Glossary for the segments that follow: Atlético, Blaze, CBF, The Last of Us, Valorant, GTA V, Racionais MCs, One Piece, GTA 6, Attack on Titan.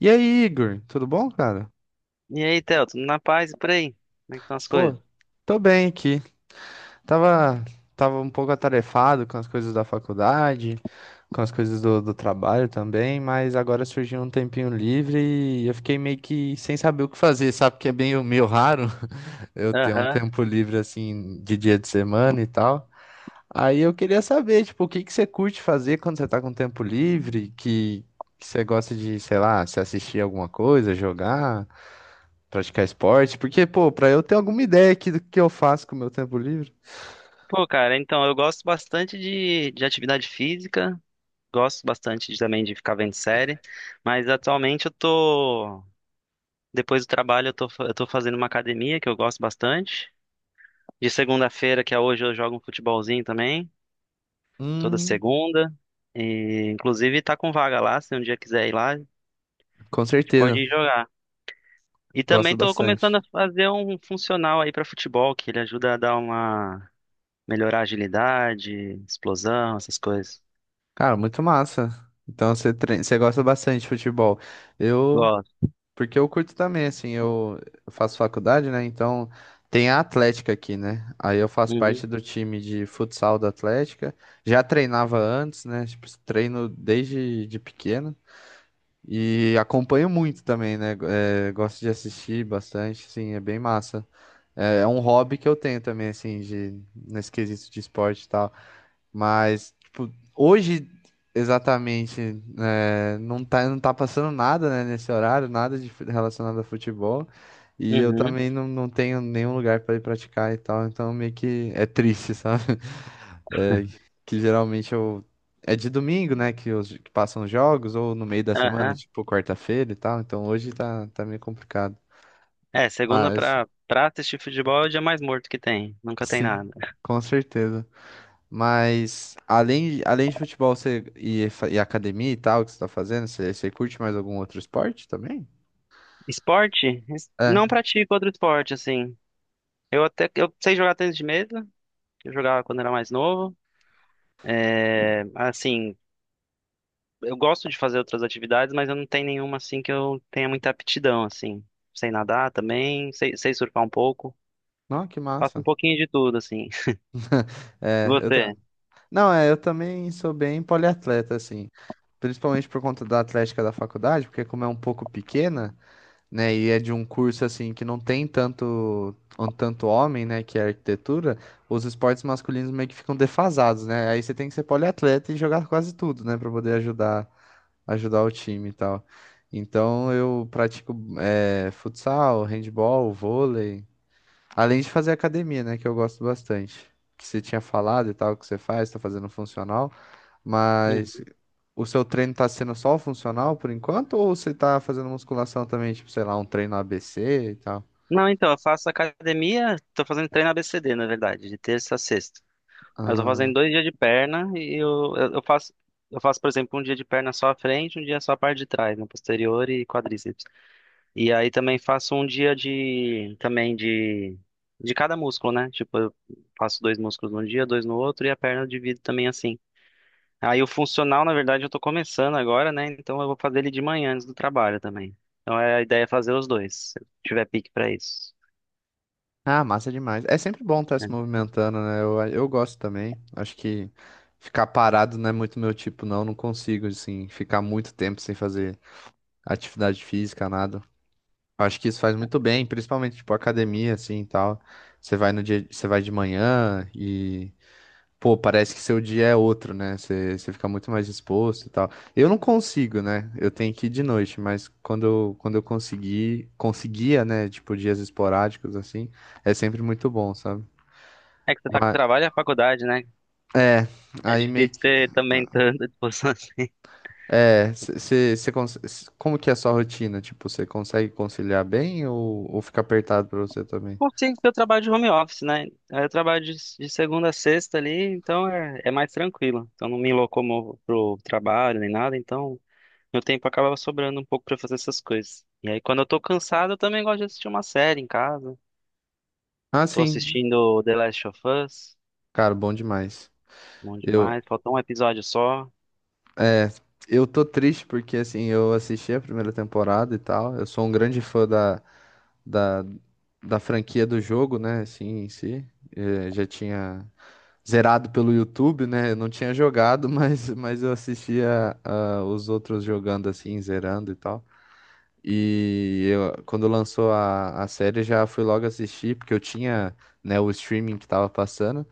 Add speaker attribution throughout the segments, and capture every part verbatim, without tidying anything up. Speaker 1: E aí, Igor, tudo bom, cara?
Speaker 2: E aí, Theo, tudo na paz e por aí? Como é que estão as
Speaker 1: Pô,
Speaker 2: coisas?
Speaker 1: tô bem aqui. Tava, tava um pouco atarefado com as coisas da faculdade, com as coisas do, do trabalho também, mas agora surgiu um tempinho livre e eu fiquei meio que sem saber o que fazer, sabe? Porque é meio, meio raro eu ter um
Speaker 2: Aham.
Speaker 1: tempo livre assim de dia de semana e tal. Aí eu queria saber, tipo, o que que você curte fazer quando você tá com tempo livre, que, que você gosta de, sei lá, se assistir alguma coisa, jogar. Praticar esporte? Porque, pô, pra eu ter alguma ideia aqui do que eu faço com o meu tempo livre.
Speaker 2: Pô, cara, então, eu gosto bastante de, de atividade física, gosto bastante de- também de ficar vendo série, mas atualmente eu tô, depois do trabalho, eu tô, fa- eu tô fazendo uma academia que eu gosto bastante. De segunda-feira, que é hoje, eu jogo um futebolzinho também, toda
Speaker 1: Hum,
Speaker 2: segunda. E, inclusive, tá com vaga lá, se um dia quiser ir lá, a gente
Speaker 1: com
Speaker 2: pode
Speaker 1: certeza.
Speaker 2: ir jogar. E
Speaker 1: Gosto
Speaker 2: também tô
Speaker 1: bastante.
Speaker 2: começando a fazer um funcional aí pra futebol, que ele ajuda a dar uma melhorar a agilidade, explosão, essas coisas.
Speaker 1: Cara, muito massa. Então você treina, você gosta bastante de futebol. Eu,
Speaker 2: Gosto.
Speaker 1: porque eu curto também, assim, eu eu faço faculdade, né? Então tem a Atlética aqui, né? Aí eu faço
Speaker 2: Uhum.
Speaker 1: parte do time de futsal da Atlética. Já treinava antes, né? Tipo, treino desde de pequeno. E acompanho muito também, né? É, gosto de assistir bastante, sim, é bem massa. É, é um hobby que eu tenho também, assim, de, nesse quesito de esporte e tal. Mas, tipo, hoje, exatamente, é, não tá, não tá passando nada, né, nesse horário, nada de, fu- relacionado a futebol. E eu
Speaker 2: Uhum.
Speaker 1: também não, não tenho nenhum lugar para ir praticar e tal. Então, meio que é triste, sabe? É, que geralmente eu. É de domingo, né, que, os, que passam os jogos, ou no meio da semana,
Speaker 2: Aham.
Speaker 1: tipo quarta-feira e tal. Então, hoje tá, tá meio complicado.
Speaker 2: É, segunda
Speaker 1: Mas,
Speaker 2: pra, pra assistir futebol é o dia mais morto que tem. Nunca tem
Speaker 1: sim,
Speaker 2: nada.
Speaker 1: com certeza. Mas além, além de futebol você, e, fa- e academia e tal que você tá fazendo, você, você curte mais algum outro esporte também?
Speaker 2: Esporte? Es- Não
Speaker 1: É.
Speaker 2: pratico outro esporte, assim. Eu até eu sei jogar tênis de mesa, que eu jogava quando era mais novo. É, assim, eu gosto de fazer outras atividades, mas eu não tenho nenhuma assim que eu tenha muita aptidão, assim. Sei nadar também, sei, sei surfar um pouco.
Speaker 1: Não, que
Speaker 2: Faço um
Speaker 1: massa.
Speaker 2: pouquinho de tudo, assim.
Speaker 1: É, eu ta...
Speaker 2: Você?
Speaker 1: Não, é, eu também sou bem poliatleta, assim. Principalmente por conta da atlética da faculdade, porque como é um pouco pequena, né, e é de um curso, assim, que não tem tanto, um tanto homem, né, que é arquitetura, os esportes masculinos meio que ficam defasados, né? Aí você tem que ser poliatleta e jogar quase tudo, né, pra poder ajudar ajudar o time e tal. Então eu pratico eh, futsal, handball, vôlei, além de fazer academia, né, que eu gosto bastante. Que você tinha falado e tal, que você faz, tá fazendo funcional, mas o seu treino tá sendo só o funcional por enquanto ou você tá fazendo musculação também, tipo, sei lá, um treino A B C e tal?
Speaker 2: Não, então, eu faço academia, tô fazendo treino A B C D, na verdade, de terça a sexta. Mas eu tô fazendo
Speaker 1: Ah,
Speaker 2: dois dias de perna e eu, eu eu faço, eu faço, por exemplo, um dia de perna só à frente, um dia só a parte de trás, né, posterior e quadríceps. E aí também faço um dia de, também de, de cada músculo, né? Tipo, eu faço dois músculos num dia, dois no outro e a perna eu divido também assim. Aí o funcional, na verdade, eu tô começando agora, né? Então eu vou fazer ele de manhã antes do trabalho também. Então é- a ideia é fazer os dois, se eu tiver pique pra isso.
Speaker 1: ah, massa demais. É sempre bom estar se
Speaker 2: Né?
Speaker 1: movimentando, né? Eu, eu gosto também. Acho que ficar parado não é muito meu tipo, não. Não consigo, assim, ficar muito tempo sem fazer atividade física, nada. Eu acho que isso faz muito bem, principalmente tipo academia assim e tal. Você vai no dia, você vai de manhã e pô, parece que seu dia é outro, né? Você, você fica muito mais disposto e tal. Eu não consigo, né? Eu tenho que ir de noite, mas quando eu, quando eu consegui, conseguia, né, tipo dias esporádicos assim, é sempre muito bom, sabe?
Speaker 2: É que você tá com
Speaker 1: Mas
Speaker 2: trabalho e a faculdade, né?
Speaker 1: é,
Speaker 2: É
Speaker 1: aí meio
Speaker 2: difícil
Speaker 1: que
Speaker 2: ter também tanta disposição assim.
Speaker 1: é, você, como que é a sua rotina? Tipo, você consegue conciliar bem ou, ou fica apertado pra você também?
Speaker 2: Bom, sim, porque eu trabalho de home office, né? Aí eu trabalho de, de segunda a sexta ali, então é, é mais tranquilo. Então não me locomovo pro trabalho nem nada, então meu tempo acaba sobrando um pouco pra fazer essas coisas. E aí quando eu tô cansado, eu também gosto de assistir uma série em casa.
Speaker 1: Ah,
Speaker 2: Tô
Speaker 1: sim.
Speaker 2: assistindo The Last of Us,
Speaker 1: Cara, bom demais.
Speaker 2: bom
Speaker 1: Eu,
Speaker 2: demais. Faltou um episódio só.
Speaker 1: é, eu tô triste porque, assim, eu assisti a primeira temporada e tal. Eu sou um grande fã da, da, da franquia do jogo, né? Assim, em si. Eh, já tinha zerado pelo YouTube, né? Eu não tinha jogado, mas, mas eu assistia ah, os outros jogando, assim, zerando e tal. E eu, quando lançou a, a série, já fui logo assistir, porque eu tinha, né, o streaming que tava passando.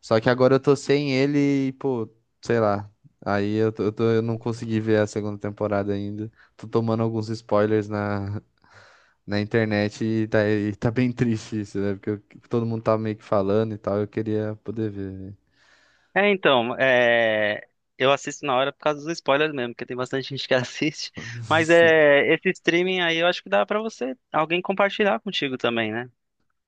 Speaker 1: Só que agora eu tô sem ele e, pô, sei lá. Aí eu, tô- eu, tô- eu não consegui ver a segunda temporada ainda. Tô tomando alguns spoilers na, na internet e tá, e tá bem triste isso, né? Porque eu- todo mundo tá meio que falando e tal. Eu queria poder ver, velho.
Speaker 2: É, então, é, eu assisto na hora por causa dos spoilers mesmo, porque tem bastante gente que assiste. Mas é, esse streaming aí eu acho que dá pra você, alguém compartilhar contigo também, né?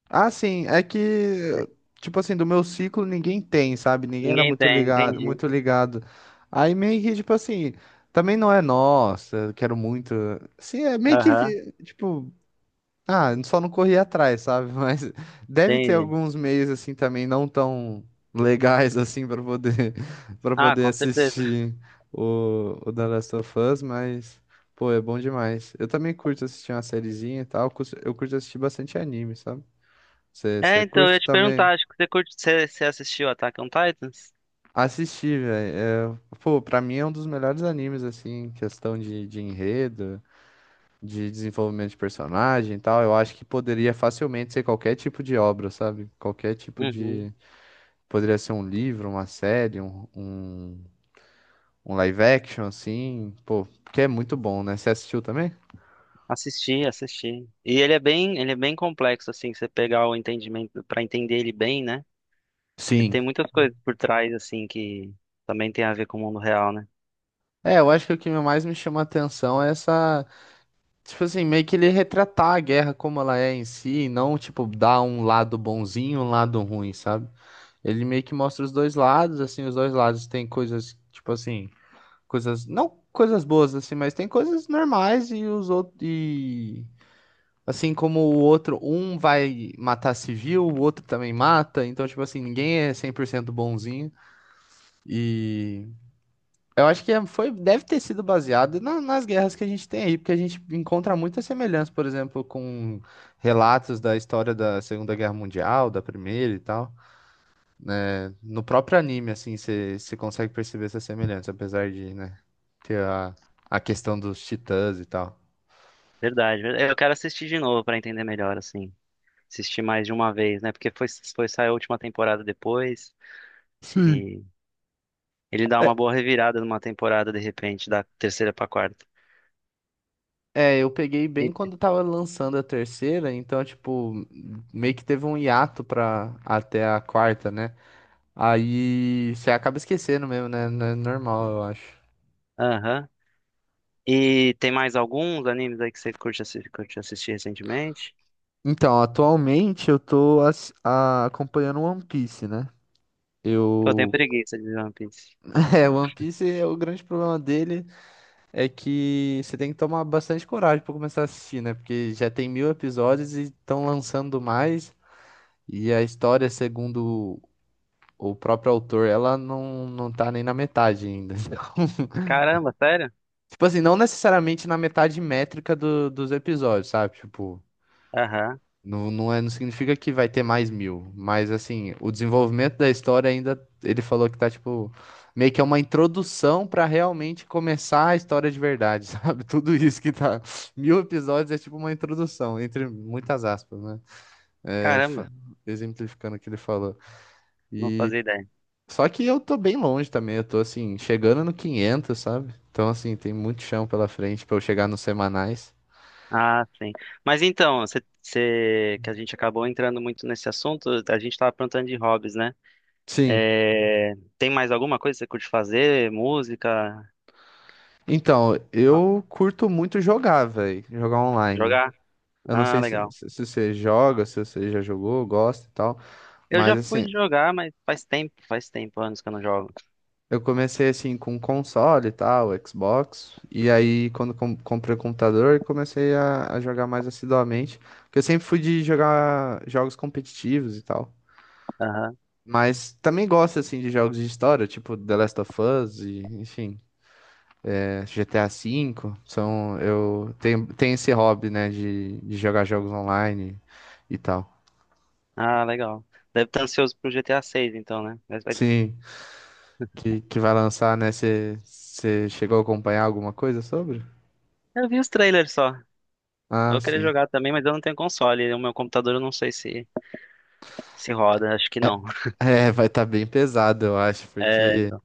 Speaker 1: Ah, sim, é que, tipo assim, do meu ciclo ninguém tem, sabe? Ninguém era
Speaker 2: Ninguém
Speaker 1: muito
Speaker 2: tem,
Speaker 1: ligado,
Speaker 2: entendi.
Speaker 1: muito ligado. Aí meio que, tipo assim, também não é nossa, eu quero muito. Assim, é meio que,
Speaker 2: Aham,
Speaker 1: vi- tipo. Ah, só não corri atrás, sabe? Mas deve ter
Speaker 2: entendi.
Speaker 1: alguns meios assim também não tão legais assim para poder para
Speaker 2: Ah,
Speaker 1: poder
Speaker 2: com certeza.
Speaker 1: assistir o, o The Last of Us, mas pô, é bom demais. Eu também curto assistir uma sériezinha e tal, cus- eu curto assistir bastante anime, sabe?
Speaker 2: É,
Speaker 1: Você
Speaker 2: então, eu
Speaker 1: curte
Speaker 2: ia te
Speaker 1: também
Speaker 2: perguntar, acho que você curte, você, você assistiu Attack on Titans?
Speaker 1: assistir, velho? É, pô, pra mim é um dos melhores animes assim, em questão de, de enredo, de desenvolvimento de personagem e tal. Eu acho que poderia facilmente ser qualquer tipo de obra, sabe? Qualquer tipo
Speaker 2: Uhum.
Speaker 1: de. Poderia ser um livro, uma série, um, um, um live action, assim. Pô, porque é muito bom, né? Você assistiu também?
Speaker 2: Assisti, assisti. E ele é bem, ele é bem complexo, assim, você pegar o entendimento, pra entender ele bem, né? Ele tem
Speaker 1: Sim.
Speaker 2: muitas coisas por trás, assim, que também tem a ver com o mundo real, né?
Speaker 1: É, eu acho que o que mais me chama a atenção é essa. Tipo assim, meio que ele retratar a guerra como ela é em si, e não, tipo, dar um lado bonzinho e um lado ruim, sabe? Ele meio que mostra os dois lados, assim. Os dois lados têm coisas, tipo assim, coisas, não coisas boas assim, mas tem coisas normais, e os outros e assim como o outro, um vai matar civil, o outro também mata. Então tipo assim, ninguém é cem por cento bonzinho, e eu acho que é- foi deve ter sido baseado na- nas guerras que a gente tem aí, porque a gente encontra muita semelhança, por exemplo, com relatos da história da Segunda Guerra Mundial, da Primeira e tal. No próprio anime, assim, você consegue perceber essa semelhança, apesar de, né, ter a, a questão dos titãs e tal.
Speaker 2: Verdade, ver- eu quero assistir de novo pra entender melhor, assim. Assistir mais de uma vez, né? Porque foi, foi sair a última temporada depois
Speaker 1: Sim.
Speaker 2: e ele dá
Speaker 1: É,
Speaker 2: uma boa revirada numa temporada de repente, da terceira pra quarta.
Speaker 1: é, eu peguei bem
Speaker 2: E,
Speaker 1: quando tava lançando a terceira, então, tipo, meio que teve um hiato pra até a quarta, né? Aí você acaba esquecendo mesmo, né? Não é normal, eu acho.
Speaker 2: aham. E tem mais alguns animes aí que você curte, assi- curte assistir recentemente?
Speaker 1: Então, atualmente eu tô ass- a- acompanhando One Piece, né?
Speaker 2: Pô, eu tenho
Speaker 1: Eu.
Speaker 2: preguiça de One Piece.
Speaker 1: É, One Piece é o grande problema dele. É que você tem que tomar bastante coragem pra começar a assistir, né? Porque já tem mil episódios e estão lançando mais. E a história, segundo o próprio autor, ela não, não tá nem na metade ainda.
Speaker 2: Caramba, sério?
Speaker 1: Tipo assim, não necessariamente na metade métrica do- dos episódios, sabe? Tipo.
Speaker 2: Aham.
Speaker 1: Não, não é, não significa que vai ter mais mil, mas assim, o desenvolvimento da história ainda, ele falou que tá tipo, meio que é uma introdução pra realmente começar a história de verdade, sabe? Tudo isso que tá, mil episódios é tipo uma introdução, entre muitas aspas, né? É, fa-
Speaker 2: Caramba,
Speaker 1: exemplificando o que ele falou.
Speaker 2: não
Speaker 1: E
Speaker 2: fazia ideia.
Speaker 1: só que eu tô bem longe também, eu tô assim, chegando no quinhentos, sabe? Então assim, tem muito chão pela frente pra eu chegar nos semanais.
Speaker 2: Ah, sim. Mas então, você, você- que a gente acabou entrando muito nesse assunto, a gente estava perguntando de hobbies, né?
Speaker 1: Sim.
Speaker 2: É, tem mais alguma coisa que você curte fazer? Música?
Speaker 1: Então,
Speaker 2: Ah,
Speaker 1: eu curto muito jogar, velho. Jogar online.
Speaker 2: jogar?
Speaker 1: Eu não
Speaker 2: Ah,
Speaker 1: sei se,
Speaker 2: legal.
Speaker 1: se se você joga, se você já jogou, gosta e tal.
Speaker 2: Eu
Speaker 1: Mas
Speaker 2: já
Speaker 1: assim,
Speaker 2: fui jogar, mas faz tempo, faz tempo, anos que eu não jogo.
Speaker 1: eu comecei assim com console e tal, Xbox. E aí, quando com- comprei o computador, eu comecei a, a jogar mais assiduamente. Porque eu sempre fui de jogar jogos competitivos e tal.
Speaker 2: Aham.
Speaker 1: Mas também gosto assim de jogos de história, tipo The Last of Us, e, enfim. G T A cinco, são, eu tenho, tenho esse hobby, né, de, de jogar jogos online e tal.
Speaker 2: Ah, legal. Deve estar ansioso pro G T A seis, então, né? Mas vai-
Speaker 1: Sim, que, que vai lançar, né? Você chegou a acompanhar alguma coisa sobre?
Speaker 2: eu vi os trailers só. Eu
Speaker 1: Ah,
Speaker 2: vou querer
Speaker 1: sim.
Speaker 2: jogar também, mas eu não tenho console. O meu computador eu não sei se se roda, acho que
Speaker 1: É,
Speaker 2: não.
Speaker 1: é, vai estar bem pesado, eu acho,
Speaker 2: É,
Speaker 1: porque,
Speaker 2: então.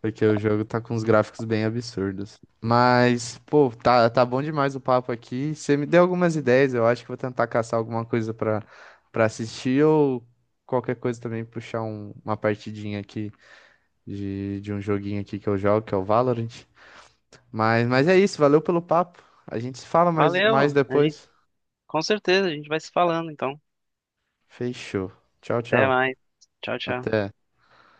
Speaker 1: porque o jogo tá com uns gráficos bem absurdos. Mas, pô, tá, tá bom demais o papo aqui. Você me deu algumas ideias, eu acho que vou tentar caçar alguma coisa pra para assistir ou qualquer coisa, também puxar um- uma partidinha aqui de, de um joguinho aqui que eu jogo, que é o Valorant. Mas, mas é isso, valeu pelo papo. A gente se fala mais, mais
Speaker 2: Valeu. A gente,
Speaker 1: depois.
Speaker 2: com certeza, a gente vai se falando, então.
Speaker 1: Fechou. Tchau,
Speaker 2: Até
Speaker 1: tchau.
Speaker 2: mais. Tchau, tchau.
Speaker 1: Até.